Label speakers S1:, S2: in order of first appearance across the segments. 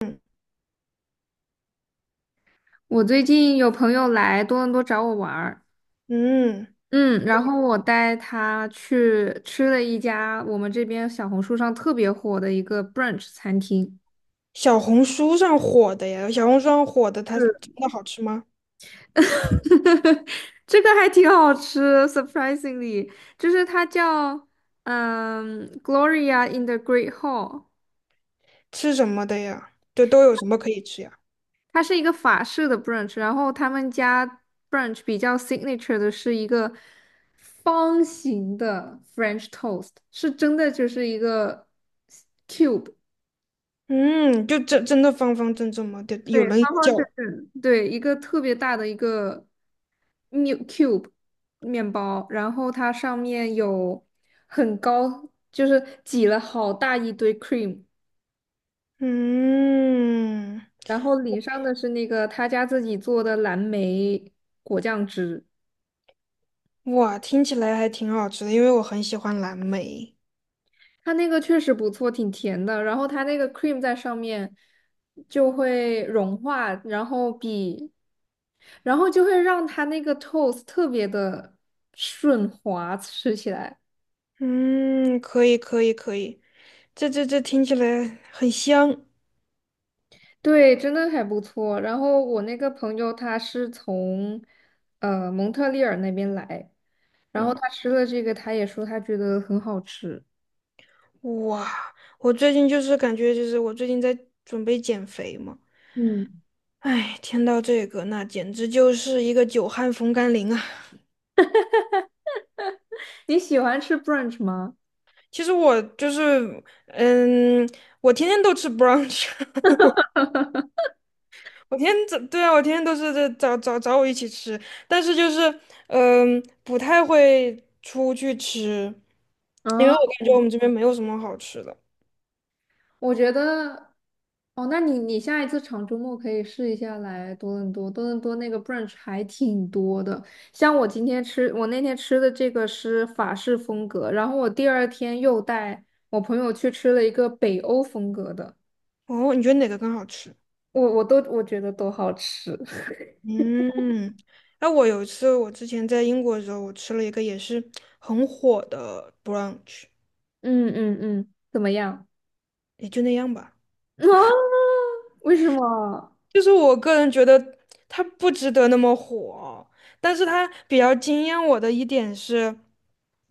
S1: 嗯，
S2: 我最近有朋友来多伦多找我玩儿，
S1: 嗯
S2: 嗯，然后我带他去吃了一家我们这边小红书上特别火的一个 brunch 餐厅。
S1: 小红书上火的呀，小红书上火的，它真
S2: 嗯，
S1: 的好吃吗？
S2: 这个还挺好吃，surprisingly。就是它叫Gloria in the Great Hall。
S1: 吃什么的呀？对，都有什么可以吃呀？
S2: 它是一个法式的 brunch，然后他们家 brunch 比较 signature 的是一个方形的 French toast，是真的就是一个。
S1: 嗯，就真真的方方正正吗？对，有
S2: 对，
S1: 人
S2: 方
S1: 叫。
S2: 方正正，对，一个特别大的一个 m i 面 cube 面包，然后它上面有很高，就是挤了好大一堆 cream，
S1: 嗯，
S2: 然后淋上的是那个他家自己做的蓝莓果酱汁。
S1: 哇，听起来还挺好吃的，因为我很喜欢蓝莓。
S2: 它那个确实不错，挺甜的，然后它那个 cream 在上面就会融化，然后比，然后就会让它那个 toast 特别的顺滑，吃起来。
S1: 嗯，可以，可以，可以，这听起来很香。
S2: 对，真的还不错。然后我那个朋友他是从蒙特利尔那边来，然后
S1: 嗯，
S2: 他吃了这个，他也说他觉得很好吃。
S1: 哇，我最近就是感觉我最近在准备减肥嘛。
S2: 嗯，
S1: 哎，听到这个，那简直就是一个久旱逢甘霖啊！
S2: 你喜欢吃 brunch 吗？
S1: 其实我就是，嗯，我天天都吃 brunch，我天天早，对啊，我天天都是这找我一起吃，但是就是，嗯，不太会出去吃，因为我
S2: 啊，
S1: 感觉我们这边没有什么好吃的。
S2: 我觉得，哦，那你下一次长周末可以试一下来多伦多。多伦多那个 brunch 还挺多的。像我今天吃，我那天吃的这个是法式风格，然后我第二天又带我朋友去吃了一个北欧风格的。
S1: 哦，你觉得哪个更好吃？
S2: 我觉得都好吃。
S1: 嗯，那我有一次，我之前在英国的时候，我吃了一个也是很火的 brunch，
S2: 嗯嗯嗯，怎么样？
S1: 也就那样吧。
S2: 啊，为什么？
S1: 就是我个人觉得它不值得那么火，但是它比较惊艳我的一点是，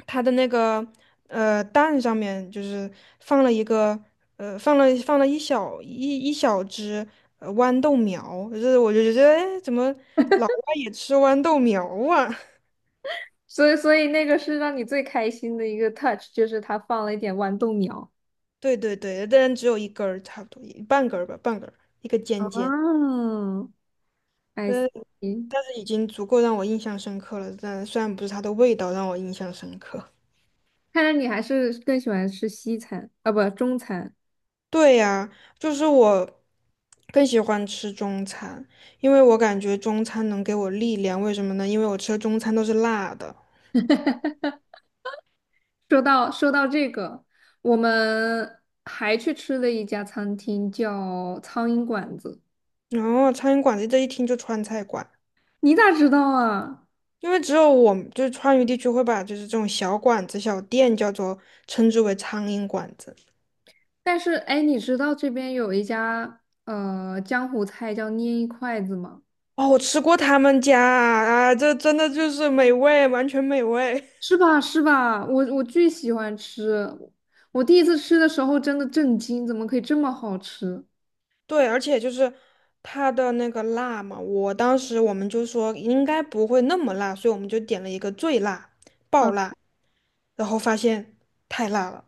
S1: 它的那个蛋上面就是放了一个放了一小只豌豆苗，就是我就觉得哎怎么也吃豌豆苗啊？
S2: 所以那个是让你最开心的一个 touch，就是它放了一点豌豆苗。
S1: 对对对，但只有一根儿差不多，一半根儿吧，半根儿，一个尖尖，
S2: 哦，I
S1: 呃，
S2: see。
S1: 但是已经足够让我印象深刻了。但虽然不是它的味道让我印象深刻。
S2: 看来你还是更喜欢吃西餐啊，不，中餐。
S1: 对呀，就是我更喜欢吃中餐，因为我感觉中餐能给我力量。为什么呢？因为我吃的中餐都是辣的，
S2: 说到这个，我们还去吃了一家餐厅，叫苍蝇馆子。
S1: 然后苍蝇馆子这一听就川菜馆，
S2: 你咋知道啊？
S1: 因为只有我们就是川渝地区会把就是这种小馆子、小店称之为苍蝇馆子。
S2: 但是，哎，你知道这边有一家江湖菜叫捏一筷子吗？
S1: 哦，我吃过他们家啊，啊这真的就是美味，完全美味。
S2: 是吧？是吧？我巨喜欢吃。我第一次吃的时候真的震惊，怎么可以这么好吃
S1: 对，而且就是它的那个辣嘛，我当时我们就说应该不会那么辣，所以我们就点了一个最辣，
S2: 啊
S1: 爆辣，然后发现太辣了，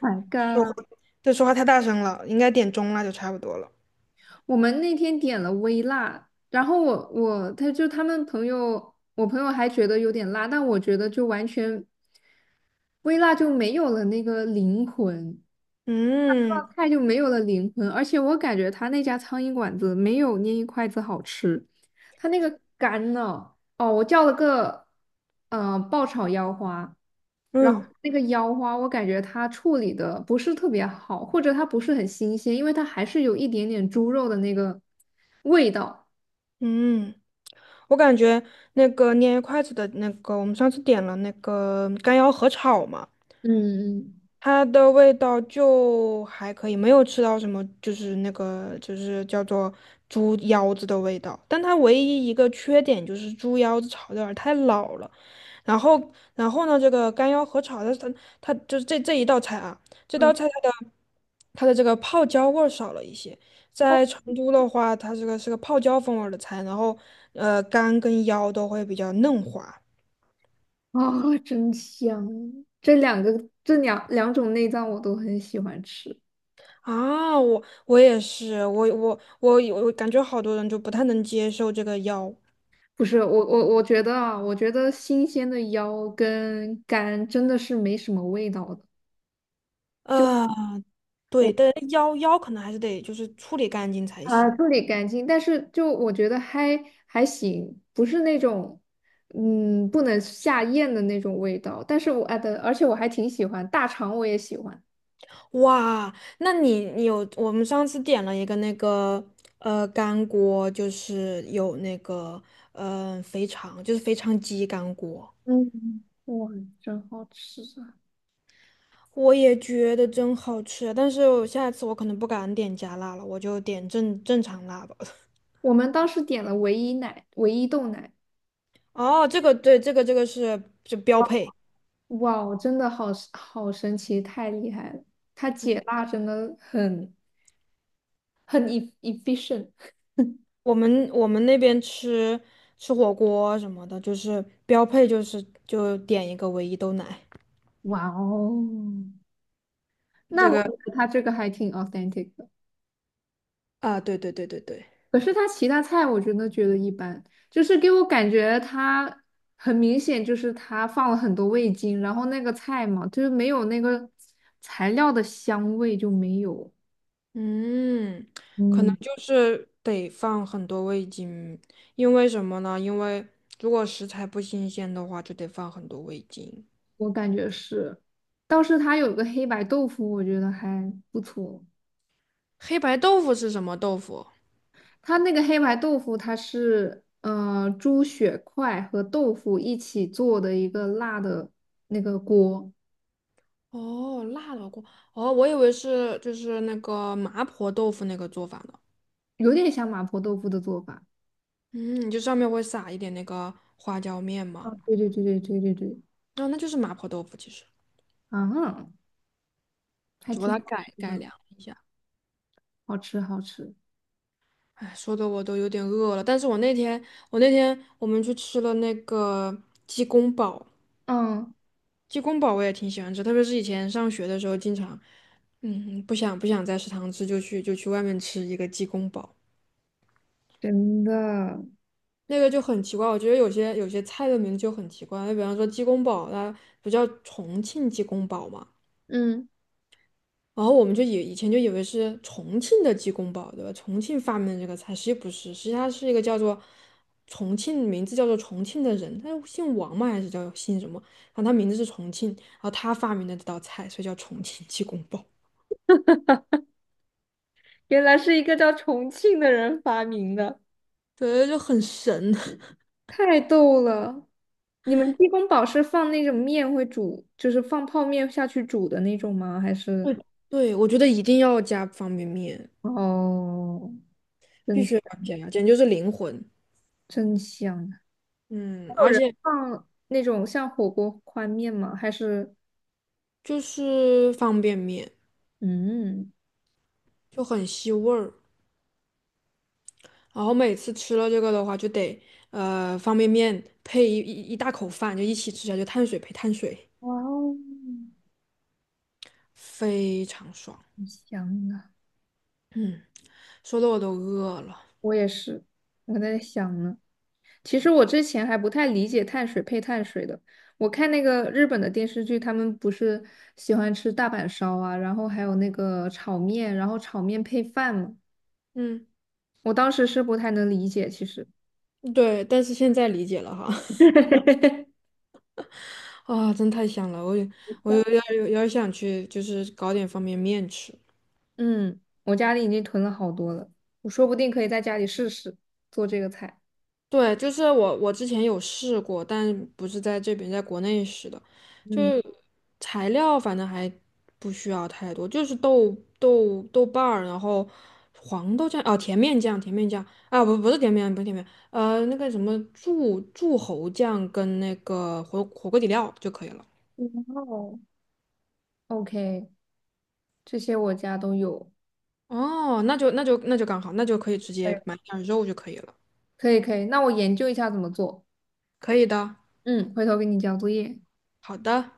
S2: ！My
S1: 说话，
S2: God！
S1: 对，说话太大声了，应该点中辣就差不多了。
S2: 我们那天点了微辣，然后我我他就他们朋友，我朋友还觉得有点辣，但我觉得就完全微辣就没有了那个灵魂。
S1: 嗯
S2: 菜就没有了灵魂，而且我感觉他那家苍蝇馆子没有捏一筷子好吃。他那个干呢，哦，我叫了个爆炒腰花。
S1: 嗯
S2: 那个腰花我感觉它处理的不是特别好，或者它不是很新鲜，因为它还是有一点点猪肉的那个味道。
S1: 嗯，我感觉那个捏筷子的那个，我们上次点了那个干腰合炒嘛。
S2: 嗯
S1: 它的味道就还可以，没有吃到什么，就是叫做猪腰子的味道。但它唯一一个缺点就是猪腰子炒的有点儿太老了。然后，然后呢，这个干腰合炒的，它就是一道菜啊，这
S2: 嗯。嗯，
S1: 道菜它的这个泡椒味儿少了一些。
S2: 哦，
S1: 在成都的话，它这个是个泡椒风味儿的菜，然后肝跟腰都会比较嫩滑。
S2: 啊，真香！这两种内脏我都很喜欢吃。
S1: 啊，我也是，我感觉好多人就不太能接受这个腰
S2: 不是，我觉得啊，我觉得新鲜的腰跟肝真的是没什么味道的。
S1: 啊，对，
S2: 我
S1: 但腰可能还是得就是处理干净才行。
S2: 处理干净，但是就我觉得还行，不是那种不能下咽的那种味道。但是我啊的，而且我还挺喜欢大肠，我也喜欢。
S1: 哇，那你我们上次点了一个那个干锅，就是有那个肥肠，就是肥肠鸡干锅，
S2: 嗯，哇，真好吃啊！
S1: 我也觉得真好吃啊，但是我下次我可能不敢点加辣了，我就点正常辣吧。
S2: 我们当时点了唯一豆奶。
S1: 哦，这个对，这个这个是就标配。
S2: 哇，真的好神奇，太厉害了！它解辣真的很 efficient。
S1: 我们那边吃火锅什么的，就是标配就是就点一个唯一豆奶。
S2: 哇哦，那
S1: 这
S2: 我
S1: 个
S2: 觉得他这个还挺 authentic 的。
S1: 啊，对对对对对，
S2: 可是他其他菜我真的觉得一般，就是给我感觉他很明显就是他放了很多味精，然后那个菜嘛，就是没有那个材料的香味就没有。
S1: 嗯，可能
S2: 嗯，
S1: 就是得放很多味精，因为什么呢？因为如果食材不新鲜的话，就得放很多味精。
S2: 我感觉是。倒是它有个黑白豆腐，我觉得还不错。
S1: 黑白豆腐是什么豆腐？
S2: 它那个黑白豆腐，它是猪血块和豆腐一起做的一个辣的那个锅。
S1: 哦，辣的锅。哦，我以为是就是那个麻婆豆腐那个做法呢。
S2: 有点像麻婆豆腐的做法。
S1: 嗯，就上面会撒一点那个花椒面
S2: 啊，
S1: 嘛。
S2: 对对对对对对对，
S1: 哦，那就是麻婆豆腐，其实
S2: 啊，还
S1: 只不过
S2: 挺
S1: 它
S2: 好
S1: 改
S2: 吃
S1: 改
S2: 的，
S1: 良一下。
S2: 好吃好吃。
S1: 哎，说的我都有点饿了。但是我那天，我那天我们去吃了那个鸡公煲，
S2: 嗯，
S1: 鸡公煲我也挺喜欢吃，特别是以前上学的时候，经常，嗯，不想在食堂吃，就去外面吃一个鸡公煲，
S2: 真的。
S1: 那个就很奇怪。我觉得有些菜的名字就很奇怪，比方说鸡公煲，它不叫重庆鸡公煲吗？
S2: 嗯，
S1: 然后我们就以前就以为是重庆的鸡公煲，对吧？重庆发明的这个菜，实际不是，实际它是一个叫做重庆，名字叫做重庆的人，他姓王嘛，还是叫姓什么？然后他名字是重庆，然后他发明的这道菜，所以叫重庆鸡公煲。
S2: 原来是一个叫重庆的人发明的。
S1: 对，就很神。
S2: 太逗了！你们鸡公煲是放那种面会煮，就是放泡面下去煮的那种吗？
S1: 对，对，我觉得一定要加方便面，
S2: 哦，
S1: 必
S2: 真
S1: 须
S2: 香。
S1: 要加，简直就是灵魂。
S2: 真香啊！
S1: 嗯，而且
S2: 放那种像火锅宽面吗？还是
S1: 就是方便面
S2: 嗯，
S1: 就很吸味儿。然后每次吃了这个的话，就得方便面配一大口饭，就一起吃下去，碳水配碳水，
S2: 哇哦，
S1: 非常爽。
S2: 很香啊。
S1: 嗯，说的我都饿了。
S2: 我也是，我在想呢。其实我之前还不太理解碳水配碳水的。我看那个日本的电视剧，他们不是喜欢吃大阪烧啊，然后还有那个炒面，然后炒面配饭嘛。
S1: 嗯，
S2: 我当时是不太能理解，其实。
S1: 对，但是现在理解了哈，啊，真太香了，我有我有点想去，就是搞点方便面吃。
S2: 嗯，我家里已经囤了好多了，我说不定可以在家里试试做这个菜。
S1: 对，就是我之前有试过，但不是在这边，在国内试的，就
S2: 嗯，
S1: 是材料反正还不需要太多，就是豆瓣儿，然后黄豆酱哦，甜面酱，甜面酱啊，不不是甜面酱，不是甜面，呃，那个什么柱侯酱跟那个火锅底料就可以了。
S2: 然后 OK，这些我家都有。
S1: 哦，那就刚好，那就可以直接
S2: 哎，
S1: 买点儿肉就可以了。
S2: 可以可以，那我研究一下怎么做。
S1: 可以的，
S2: 嗯，回头给你交作业。
S1: 好的。